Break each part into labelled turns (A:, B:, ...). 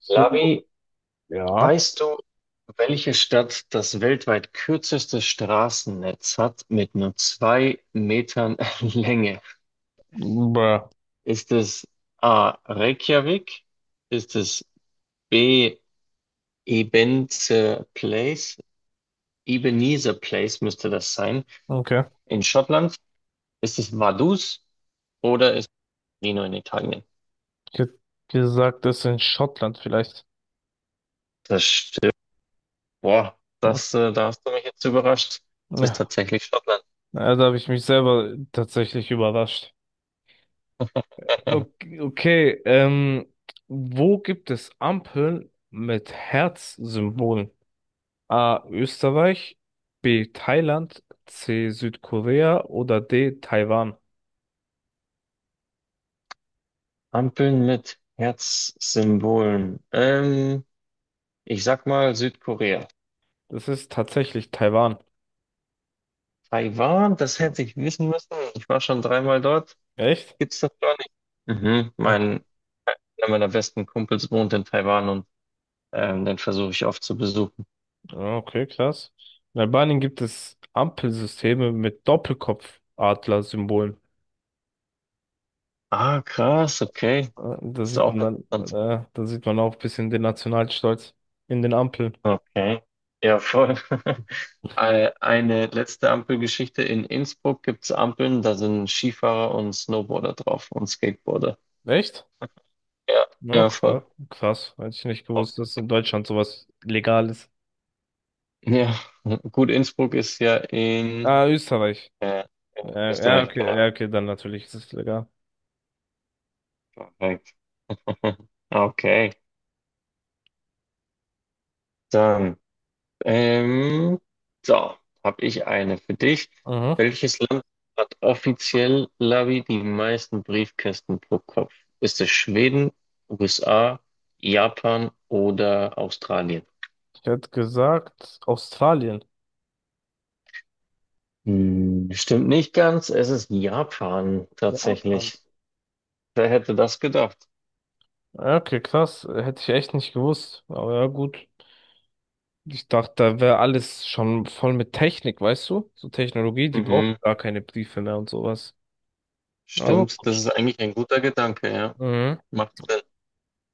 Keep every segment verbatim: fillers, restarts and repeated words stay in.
A: So,
B: Lavi,
A: ja.
B: weißt du, welche Stadt das weltweit kürzeste Straßennetz hat mit nur zwei Metern Länge?
A: Bruh.
B: Ist es A. Reykjavik? Ist es B. Ebenezer Place? Ebenezer Place müsste das sein
A: Okay.
B: in Schottland. Ist es Vaduz oder ist es Torino in Italien?
A: Ich hätte gesagt, das ist in Schottland vielleicht.
B: Das stimmt. Boah,
A: Hm.
B: das, äh, da hast du mich jetzt überrascht. Es ist
A: Ja.
B: tatsächlich Schottland.
A: Also habe ich mich selber tatsächlich überrascht. Okay, okay, ähm, wo gibt es Ampeln mit Herzsymbolen? A. Österreich, B. Thailand, C. Südkorea oder D. Taiwan?
B: Ampeln mit Herzsymbolen. Ähm, ich sag mal Südkorea.
A: Das ist tatsächlich Taiwan.
B: Taiwan, das
A: Hm,
B: hätte ich wissen müssen. Ich war schon dreimal dort.
A: Echt?
B: Gibt's das gar nicht? Mhm. Mein, einer meiner besten Kumpels wohnt in Taiwan und ähm, den versuche ich oft zu besuchen.
A: Ah, Okay, krass. In Albanien gibt es Ampelsysteme mit Doppelkopfadler-Symbolen.
B: Ah, krass, okay.
A: Ah, Da
B: Das ist
A: sieht
B: auch
A: man dann,
B: interessant.
A: äh, da sieht man auch ein bisschen den Nationalstolz in den Ampeln.
B: Okay. Ja, voll. Ei- Eine letzte Ampelgeschichte. In Innsbruck gibt's Ampeln, da sind Skifahrer und Snowboarder drauf und Skateboarder.
A: Echt?
B: Ja,
A: Ja,
B: ja, voll.
A: krass. Krass. Hätte ich nicht gewusst, dass in Deutschland sowas legal ist.
B: Ja, gut, Innsbruck ist ja in,
A: Ah, Österreich.
B: äh, in
A: Ja, ja,
B: Österreich,
A: okay,
B: genau.
A: ja, okay, dann natürlich ist es legal.
B: Perfekt. Okay, dann, ähm, so, habe ich eine für dich.
A: Mhm.
B: Welches Land hat offiziell, Lavi, die meisten Briefkästen pro Kopf? Ist es Schweden, U S A, Japan oder Australien?
A: Ich hätte gesagt, Australien.
B: Hm, stimmt nicht ganz, es ist Japan
A: Japan.
B: tatsächlich. Wer hätte das gedacht?
A: Ja, Okay, krass. Hätte ich echt nicht gewusst. Aber ja, gut. Ich dachte, da wäre alles schon voll mit Technik, weißt du? So Technologie, die brauchen
B: Mhm.
A: gar keine Briefe mehr und sowas. Aber
B: Stimmt, das
A: gut.
B: ist eigentlich ein guter Gedanke, ja.
A: Mhm.
B: Macht Sinn.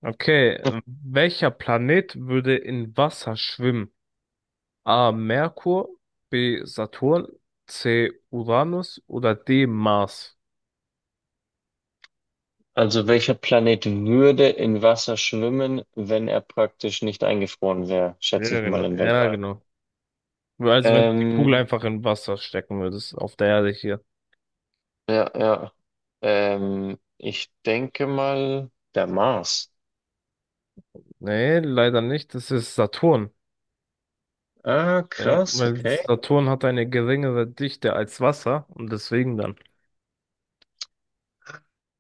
A: Okay, welcher Planet würde in Wasser schwimmen? A. Merkur, B. Saturn, C. Uranus oder D. Mars?
B: Also welcher Planet würde in Wasser schwimmen, wenn er praktisch nicht eingefroren wäre,
A: Ja,
B: schätze ich mal
A: genau.
B: im
A: Ja,
B: Weltall.
A: genau. Also wenn du die
B: Ähm,
A: Kugel einfach in Wasser stecken würdest, auf der Erde hier.
B: ja, ja. Ähm, ich denke mal der Mars.
A: Nee, leider nicht. Das ist Saturn.
B: Ah,
A: Ja,
B: krass,
A: weil
B: okay.
A: Saturn hat eine geringere Dichte als Wasser und deswegen dann.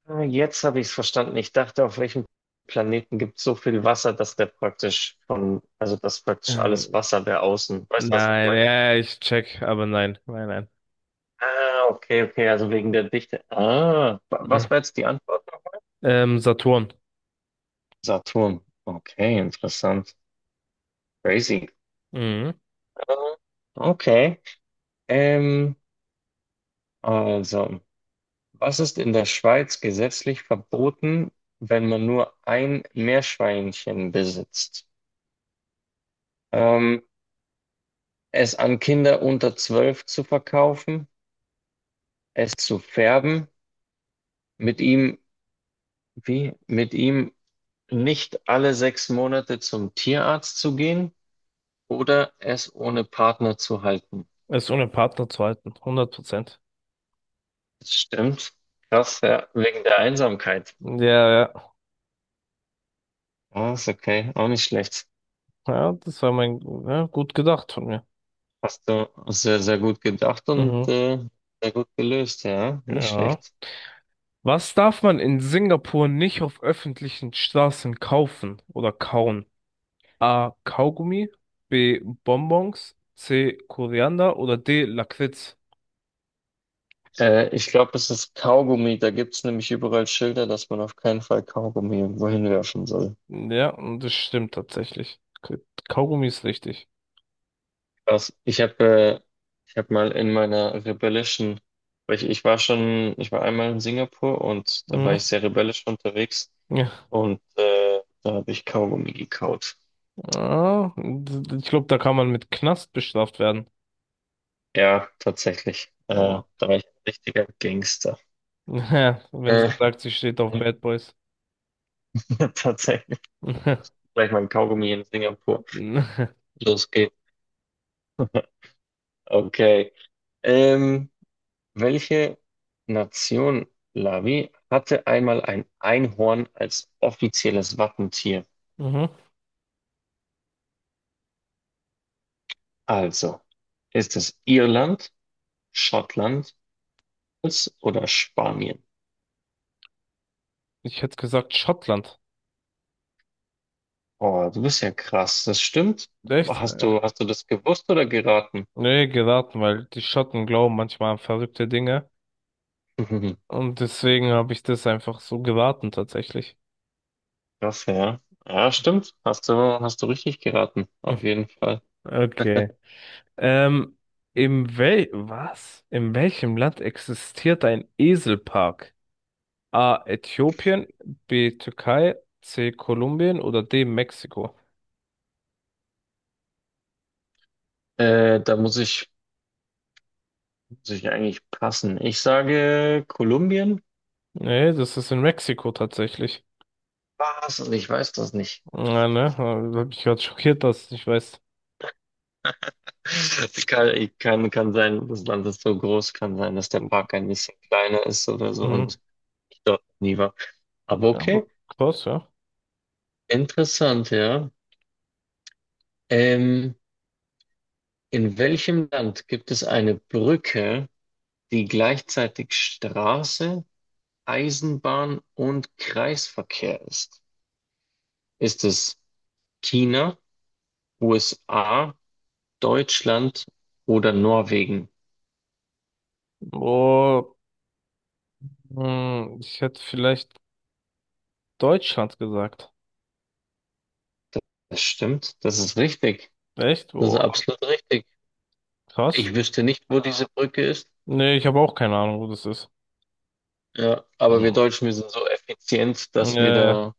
B: Ah, jetzt habe ich es verstanden. Ich dachte, auf welchem Planeten gibt es so viel Wasser, dass der praktisch von, also dass praktisch alles
A: Ähm,
B: Wasser wäre außen. Weißt du, was ich
A: nein,
B: meine?
A: ja, ich check, aber nein, nein,
B: Ah, okay, okay, also wegen der Dichte. Ah, wa- was
A: nein.
B: war jetzt die Antwort?
A: Ähm, Saturn.
B: Saturn. Okay, interessant. Crazy.
A: Mhm.
B: Ah, okay. Ähm, also, was ist in der Schweiz gesetzlich verboten, wenn man nur ein Meerschweinchen besitzt? Ähm, Es an Kinder unter zwölf zu verkaufen, es zu färben, mit ihm, wie, mit ihm nicht alle sechs Monate zum Tierarzt zu gehen, oder es ohne Partner zu halten.
A: Ist ohne Partner zu halten, hundert Prozent.
B: Das stimmt. Krass, ja, wegen der Einsamkeit.
A: Ja, ja,
B: Ah, ist okay, auch nicht schlecht.
A: ja, das war mein, ja, gut gedacht von mir.
B: Hast du sehr, sehr gut gedacht und
A: Mhm.
B: äh, sehr gut gelöst, ja, nicht
A: Ja.
B: schlecht.
A: Was darf man in Singapur nicht auf öffentlichen Straßen kaufen oder kauen? A. Kaugummi, B. Bonbons, C. Koriander oder D. Lakritz.
B: Äh, ich glaube, es ist Kaugummi. Da gibt es nämlich überall Schilder, dass man auf keinen Fall Kaugummi irgendwo hinwerfen soll.
A: Ja, und das stimmt tatsächlich. Kaugummi ist richtig.
B: Krass. Ich habe äh, ich hab mal in meiner rebellischen, weil ich, ich war schon, ich war einmal in Singapur und da war ich
A: Mhm.
B: sehr rebellisch unterwegs und äh, da habe ich Kaugummi gekaut.
A: Ja, ich glaube, da kann man mit Knast bestraft werden.
B: Ja, tatsächlich. Äh, da
A: Aber
B: war ich ein richtiger Gangster.
A: wenn sie
B: Äh,
A: sagt, sie steht auf Bad Boys.
B: Tatsächlich. Gleich mein Kaugummi in Singapur.
A: Mhm.
B: Los geht's. Okay. Ähm, Welche Nation, Lavi, hatte einmal ein Einhorn als offizielles Wappentier? Also, ist es Irland, Schottland es- oder Spanien?
A: Ich hätte gesagt Schottland.
B: Oh, du bist ja krass, das stimmt.
A: Echt?
B: Hast
A: Ja.
B: du, hast du das gewusst oder geraten?
A: Nee, geraten, weil die Schotten glauben manchmal an verrückte Dinge. Und deswegen habe ich das einfach so geraten, tatsächlich.
B: Krass, ja. Ja, stimmt. Hast du, hast du richtig geraten,
A: Hm.
B: auf jeden Fall.
A: Okay. Ähm, im Wel was? In welchem Land existiert ein Eselpark? A. Äthiopien, B. Türkei, C. Kolumbien oder D. Mexiko?
B: Äh, da muss ich, muss ich eigentlich passen. Ich sage Kolumbien.
A: Nee, das ist in Mexiko tatsächlich.
B: Was? Und ich weiß das nicht.
A: Ja, ne? Da hab ich gerade schockiert, dass ich nicht weiß.
B: Es Kann, ich kann, kann sein, das Land ist so groß, kann sein, dass der Park ein bisschen kleiner ist oder so
A: Mhm.
B: und ich dort nie war. Aber
A: Ja, aber
B: okay.
A: krass, ja.
B: Interessant, ja. Ähm, in welchem Land gibt es eine Brücke, die gleichzeitig Straße, Eisenbahn und Kreisverkehr ist? Ist es China, U S A, Deutschland oder Norwegen?
A: Oh, hm, ich hätte vielleicht Deutschland gesagt.
B: Das stimmt, das ist richtig.
A: Echt?
B: Das ist
A: Oh,
B: absolut richtig.
A: krass.
B: Ich wüsste nicht, wo diese Brücke ist.
A: Nee, ich habe auch keine Ahnung, wo das ist.
B: Ja, aber wir
A: Mhm.
B: Deutschen, wir sind so effizient, dass wir
A: Äh,
B: da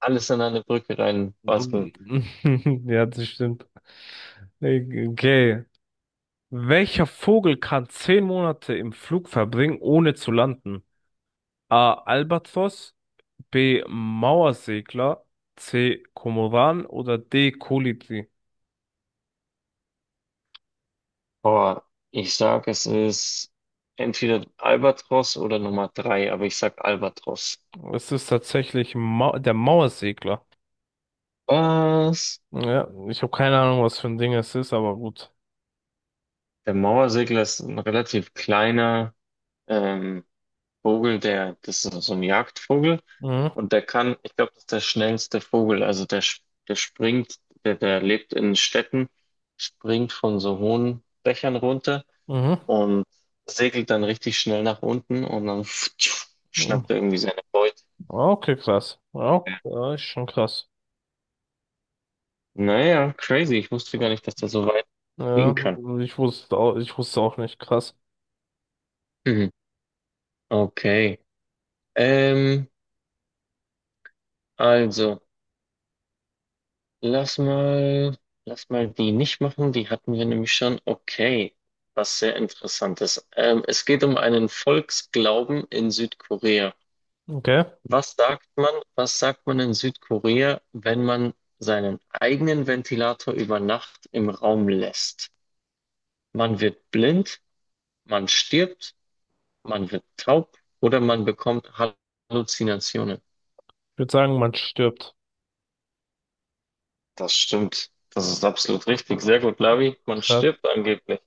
B: alles an eine Brücke reinbasteln.
A: ja, das stimmt. Okay. Welcher Vogel kann zehn Monate im Flug verbringen, ohne zu landen? A. Albatros, B. Mauersegler, C. Kormoran oder D. Kolibri?
B: Boah, ich sag, es ist entweder Albatros oder Nummer drei, aber ich sag Albatros.
A: Es ist tatsächlich Mau der Mauersegler.
B: Was?
A: Ja, ich habe keine Ahnung, was für ein Ding es ist, aber gut.
B: Der Mauersegler ist ein relativ kleiner ähm, Vogel, der, das ist so ein Jagdvogel
A: Mhm,
B: und der kann, ich glaube, das ist der schnellste Vogel, also der, sch- der springt, der, der lebt in Städten, springt von so hohen Dächern runter
A: mhm.
B: und segelt dann richtig schnell nach unten und dann
A: mhm.
B: schnappt er irgendwie seine Beute.
A: Okay, krass. Ja, ja, ist schon krass.
B: Naja, crazy. Ich wusste gar nicht, dass das so weit gehen
A: Ja,
B: kann.
A: ich wusste auch, ich wusste auch nicht. Krass.
B: Mhm. Okay. Ähm, also, lass mal, lass mal die nicht machen. Die hatten wir nämlich schon. Okay. Was sehr Interessantes. Ähm, es geht um einen Volksglauben in Südkorea.
A: Okay.
B: Was sagt man, was sagt man in Südkorea, wenn man seinen eigenen Ventilator über Nacht im Raum lässt? Man wird blind, man stirbt, man wird taub oder man bekommt Halluzinationen.
A: Ich würde sagen, man stirbt.
B: Das stimmt. Das ist absolut richtig. Sehr gut, Lavi. Man
A: Krass.
B: stirbt angeblich.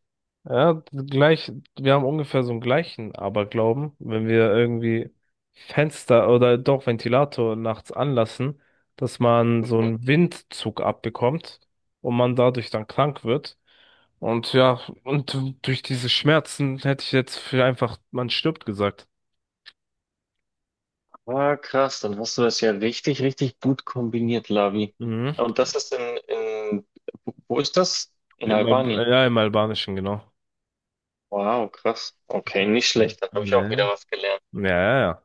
A: Ja, gleich, wir haben ungefähr so einen gleichen Aberglauben, wenn wir irgendwie Fenster oder doch Ventilator nachts anlassen, dass man so einen Windzug abbekommt und man dadurch dann krank wird. Und ja, und durch diese Schmerzen hätte ich jetzt für einfach, man stirbt gesagt.
B: Ah, krass. Dann hast du das ja richtig, richtig gut kombiniert, Lavi.
A: Mhm.
B: Und das ist in, in, wo ist das? In
A: Im, Al-
B: Albanien.
A: ja, im Albanischen, genau.
B: Wow, krass. Okay, nicht schlecht. Dann habe ich auch wieder
A: Nee.
B: was gelernt.
A: Ja, ja, ja.